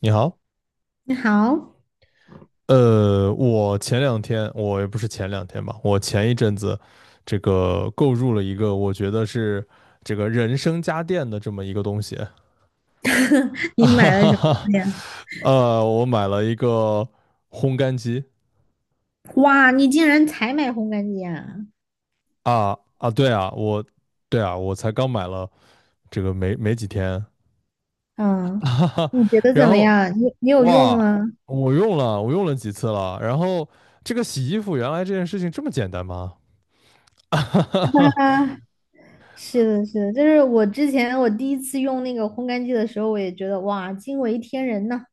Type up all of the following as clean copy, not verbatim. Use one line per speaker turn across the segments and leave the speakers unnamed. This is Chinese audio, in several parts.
你好，
你好，
我前两天，我也不是前两天吧，我前一阵子，这个购入了一个我觉得是这个人生家电的这么一个东西，啊
你
哈
买了
哈
什
哈，
么呀？
我买了一个烘干机。
哇，你竟然才买烘干机啊！
啊啊，对啊，我才刚买了这个没几天，
嗯，
哈哈，
你觉得
然
怎么
后
样？你有用
哇，
吗？
我用了几次了，然后这个洗衣服原来这件事情这么简单吗？
啊，是的，是的，就是我之前我第一次用那个烘干机的时候，我也觉得哇，惊为天人呐。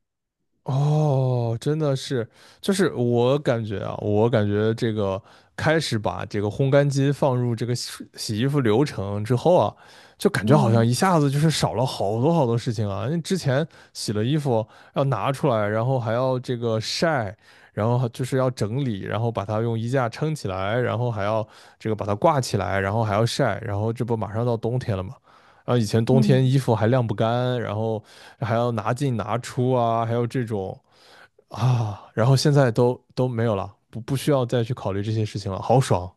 哦，真的是，就是我感觉啊，我感觉这个开始把这个烘干机放入这个洗衣服流程之后啊，就感觉好像
嗯
一下子就是少了好多好多事情啊。因为之前洗了衣服要拿出来，然后还要这个晒，然后还就是要整理，然后把它用衣架撑起来，然后还要这个把它挂起来，然后还要晒，然后这不马上到冬天了嘛。然后以前冬天
嗯，
衣服还晾不干，然后还要拿进拿出啊，还有这种啊，然后现在都没有了，不需要再去考虑这些事情了，好爽，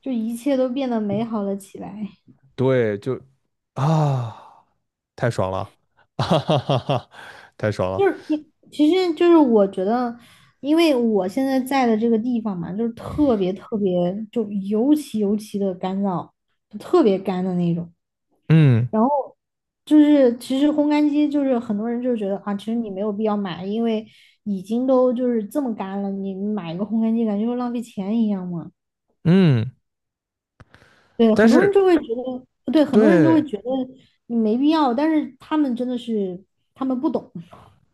就一切都变得美好了起来。
对，就啊，太爽了，哈哈哈哈，太爽了，
就是你，其实就是我觉得，因为我现在在的这个地方嘛，就是特别特别，就尤其的干燥，就特别干的那种。
嗯
然后就是其实烘干机就是很多人就觉得啊，其实你没有必要买，因为已经都就是这么干了，你买一个烘干机感觉就浪费钱一样嘛。
嗯，
对，
但
很多
是
人就会觉得，对，很多人就会
对
觉得你没必要，但是他们真的是他们不懂，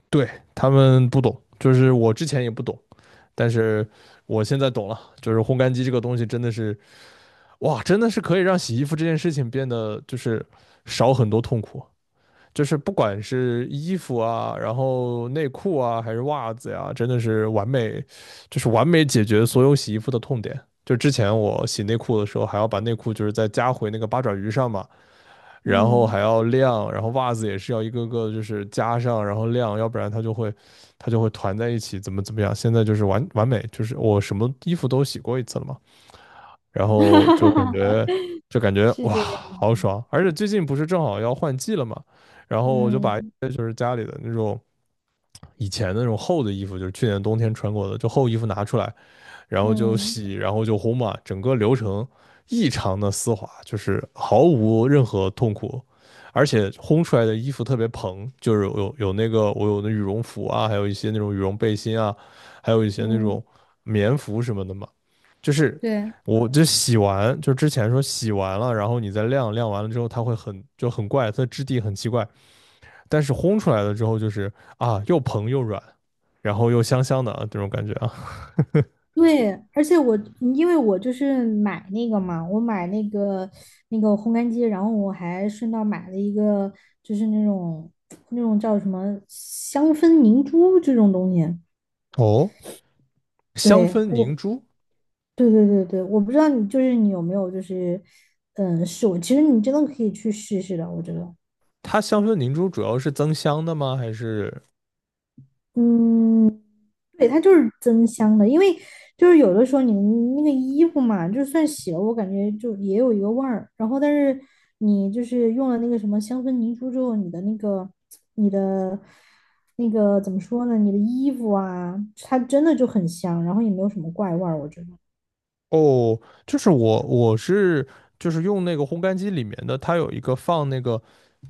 对，他们不懂，就是我之前也不懂，但是我现在懂了，就是烘干机这个东西真的是哇，真的是可以让洗衣服这件事情变得就是少很多痛苦。就是不管是衣服啊，然后内裤啊，还是袜子呀、啊真的是完美，就是完美解决所有洗衣服的痛点。就之前我洗内裤的时候，还要把内裤就是再加回那个八爪鱼上嘛，然后还
嗯，
要晾，然后袜子也是要一个个就是加上，然后晾，要不然它就会它就会团在一起，怎么样。现在就是完完美，就是我什么衣服都洗过一次了嘛。然后就感 觉就感觉
是
哇，
这个样
好
子，
爽！而且最近不是正好要换季了嘛，然后我就把
嗯
就是家里的那种以前的那种厚的衣服，就是去年冬天穿过的，就厚衣服拿出来，然后就
嗯
洗，然后就烘嘛，整个流程异常的丝滑，就是毫无任何痛苦，而且烘出来的衣服特别蓬，就是有那个我有的羽绒服啊，还有一些那种羽绒背心啊，还有一些那
嗯，
种棉服什么的嘛，就是
对。
我就洗完，就之前说洗完了，然后你再晾，晾完了之后它会很就很怪，它的质地很奇怪，但是烘出来了之后就是啊又蓬又软，然后又香香的啊这种感觉啊。
对，而且我嗯因为我就是买那个嘛，我买那个那个烘干机，然后我还顺道买了一个，就是那种那种叫什么香氛凝珠这种东西。
哦。香
对，
氛
我，
凝珠，
对对对对，我不知道你就是你有没有就是，嗯，试过，其实你真的可以去试试的，我觉得。
它香氛凝珠主要是增香的吗？还是
嗯，对，它就是增香的，因为就是有的时候你那个衣服嘛，就算洗了，我感觉就也有一个味儿。然后，但是你就是用了那个什么香氛凝珠之后，你的那个那个怎么说呢？你的衣服啊，它真的就很香，然后也没有什么怪味儿，我觉得。
哦，就是我是就是用那个烘干机里面的，它有一个放那个，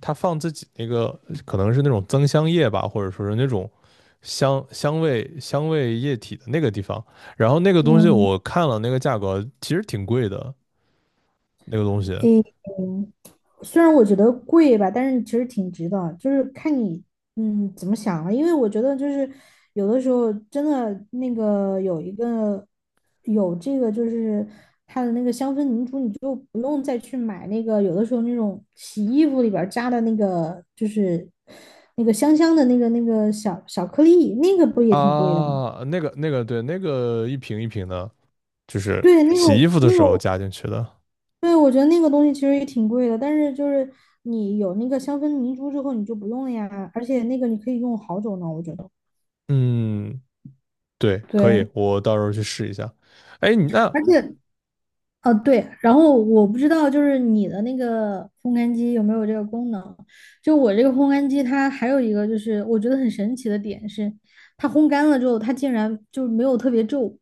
它放自己那个可能是那种增香液吧，或者说是那种香味液体的那个地方。然后那个东西
嗯
我看了那个价格，其实挺贵的，那个东西
嗯，虽然我觉得贵吧，但是其实挺值的，就是看你嗯怎么想了。因为我觉得就是有的时候真的那个有一个有这个就是它的那个香氛凝珠，你就不用再去买那个有的时候那种洗衣服里边儿加的那个就是那个香香的那个那个小小颗粒，那个不也挺贵的吗？
啊，那个那个对，那个一瓶一瓶的，就是
对，那
洗衣
种
服的
那
时候
种。
加进去的。
对，我觉得那个东西其实也挺贵的，但是就是你有那个香氛凝珠之后，你就不用了呀。而且那个你可以用好久呢，我觉得。
嗯，对，可
对，
以，我到时候去试一下。哎，你那
而且对，然后我不知道就是你的那个烘干机有没有这个功能。就我这个烘干机，它还有一个就是我觉得很神奇的点是，它烘干了之后，它竟然就没有特别皱，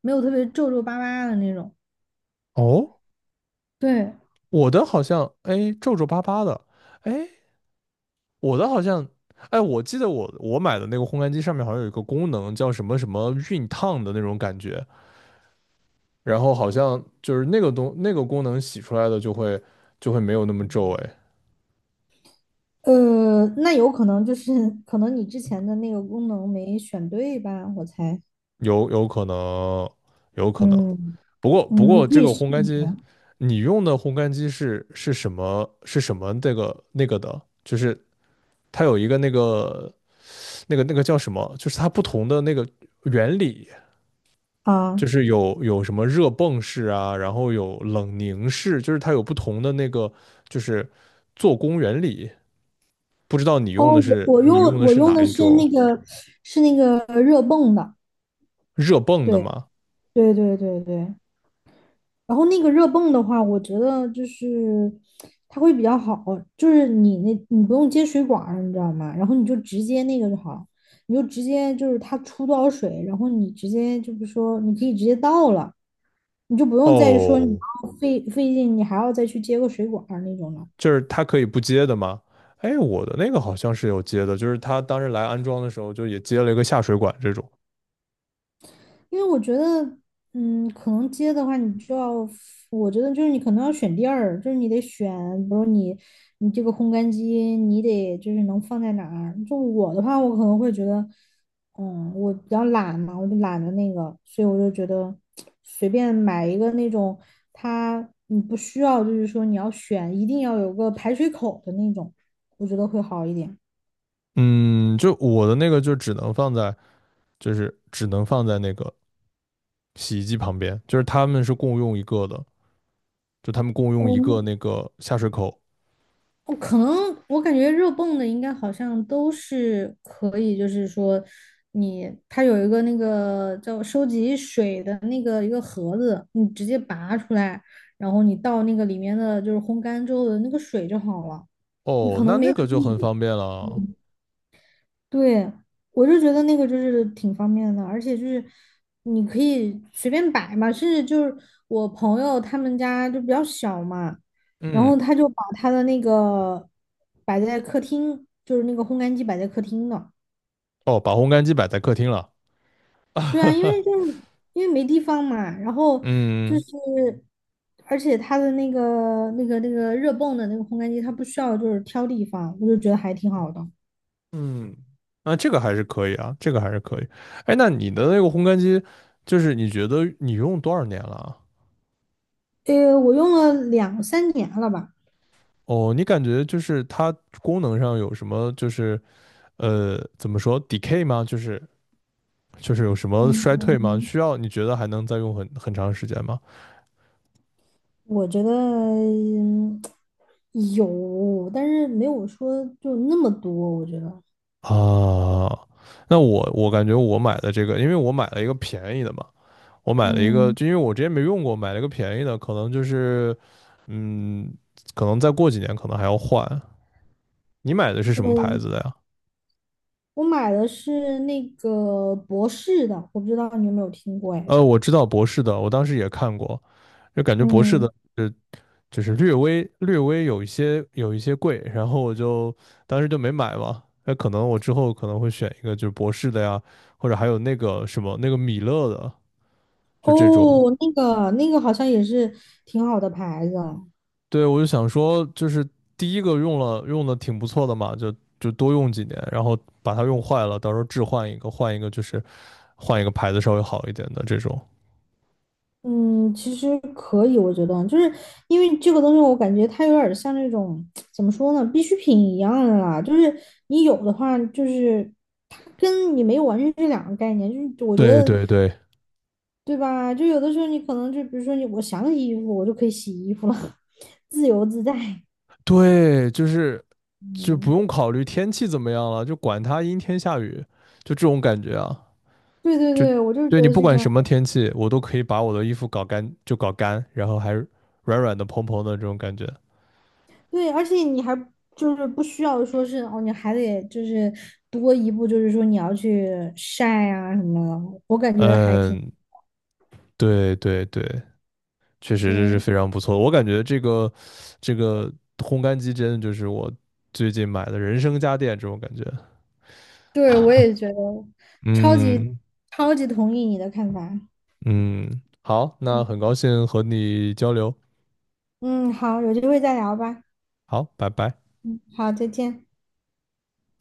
没有特别皱皱巴巴的那种。
哦，
对，
我的好像哎皱皱巴巴的，哎，我的好像哎，我记得我买的那个烘干机上面好像有一个功能叫什么什么熨烫的那种感觉，然后好像就是那个东那个功能洗出来的就会没有那么皱，哎，
那有可能就是可能你之前的那个功能没选对吧，我猜。
有有可能，有可能。
嗯
不过不
嗯，你
过
可
这
以
个
试
烘干
一
机，
下
你用的烘干机是是什么是什么这个那个的，就是它有一个那个。那个那个叫什么？就是它不同的那个原理，
啊。
就是有什么热泵式啊，然后有冷凝式，就是它有不同的那个就是做工原理。不知道你用
哦，
的
我
是
我
你
用
用的
我
是
用
哪
的
一
是
种
那个是那个热泵的，
热泵的
对
吗？
对对对对。然后那个热泵的话，我觉得就是它会比较好，就是你那你不用接水管儿你知道吗？然后你就直接那个就好了，你就直接就是它出多少水，然后你直接就是说你可以直接倒了，你就不用再说你
哦，
要费劲，你还要再去接个水管儿那种了。
就是它可以不接的吗？哎，我的那个好像是有接的，就是他当时来安装的时候就也接了一个下水管这种。
因为我觉得，嗯，可能接的话，你就要，我觉得就是你可能要选地儿，就是你得选，比如你你这个烘干机，你得就是能放在哪儿。就我的话，我可能会觉得，嗯，我比较懒嘛，我就懒得那个，所以我就觉得随便买一个那种，它你不需要，就是说你要选，一定要有个排水口的那种，我觉得会好一点。
嗯，就我的那个就只能放在，就是只能放在那个洗衣机旁边，就是他们是共用一个的。就他们共用
哦
一个那个下水口。
我可能我感觉热泵的应该好像都是可以，就是说你它有一个那个叫收集水的那个一个盒子，你直接拔出来，然后你倒那个里面的就是烘干之后的那个水就好了。你
哦，
可
那
能
那
没注
个就很
意，
方便了。
嗯对，我就觉得那个就是挺方便的，而且就是你可以随便摆嘛，甚至就是我朋友他们家就比较小嘛，然后
嗯，
他就把他的那个摆在客厅，就是那个烘干机摆在客厅的。
哦，把烘干机摆在客厅了。
对啊，因为 就是因为没地方嘛，然后就
嗯
是，而且它的那个那个那个热泵的那个烘干机，它不需要就是挑地方，我就觉得还挺好的。
嗯，那这个还是可以啊，这个还是可以。哎，那你的那个烘干机，就是你觉得你用多少年了啊？
我用了2~3年了吧。
哦，你感觉就是它功能上有什么，就是怎么说 decay 吗？就是就是有什么衰退吗？
嗯。
需要你觉得还能再用很很长时间吗？
我觉得嗯有，但是没有说就那么多。我觉得，
啊，那我感觉我买的这个，因为我买了一个便宜的嘛，我买了一个，
嗯
就因为我之前没用过，买了一个便宜的，可能就是，嗯，可能再过几年可能还要换。你买的是什么牌子
嗯，
的呀？
我买的是那个博士的，我不知道你有没有听过哎。
我知道博士的，我当时也看过，就感觉博士
嗯，
的，就是略微有一些贵，然后我就当时就没买嘛。那可能我之后可能会选一个就是博士的呀，或者还有那个什么那个米勒的，就这种。
哦，那个那个好像也是挺好的牌子。
对，我就想说，就是第一个用的挺不错的嘛，就多用几年，然后把它用坏了，到时候置换一个，换一个就是换一个牌子稍微好一点的这种。
嗯，其实可以，我觉得，就是因为这个东西，我感觉它有点像那种怎么说呢，必需品一样的啦。就是你有的话，就是它跟你没有完全是两个概念。就是我觉
对
得，
对对
对吧？就有的时候你可能就比如说你，我想洗衣服，我就可以洗衣服了，自由自在。
对，就是就不
嗯，
用考虑天气怎么样了，就管它阴天下雨，就这种感觉啊，
对对
就
对，我就是
对
觉
你
得
不
是这
管
样。
什么天气，我都可以把我的衣服搞干，就搞干，然后还软软的、蓬蓬的这种感觉。
对，而且你还就是不需要说是哦，你还得就是多一步，就是说你要去晒啊什么的，我感觉还挺。
嗯，对对对，确实这是
对，
非常不错的我感觉这个这个烘干机真的就是我最近买的人生家电这种感觉。
对，我也觉得超级
嗯
超级同意你的看法。
嗯，好，那
嗯
很高兴和你交流，
嗯，好，有机会再聊吧。
好，拜拜。
嗯，好，再见。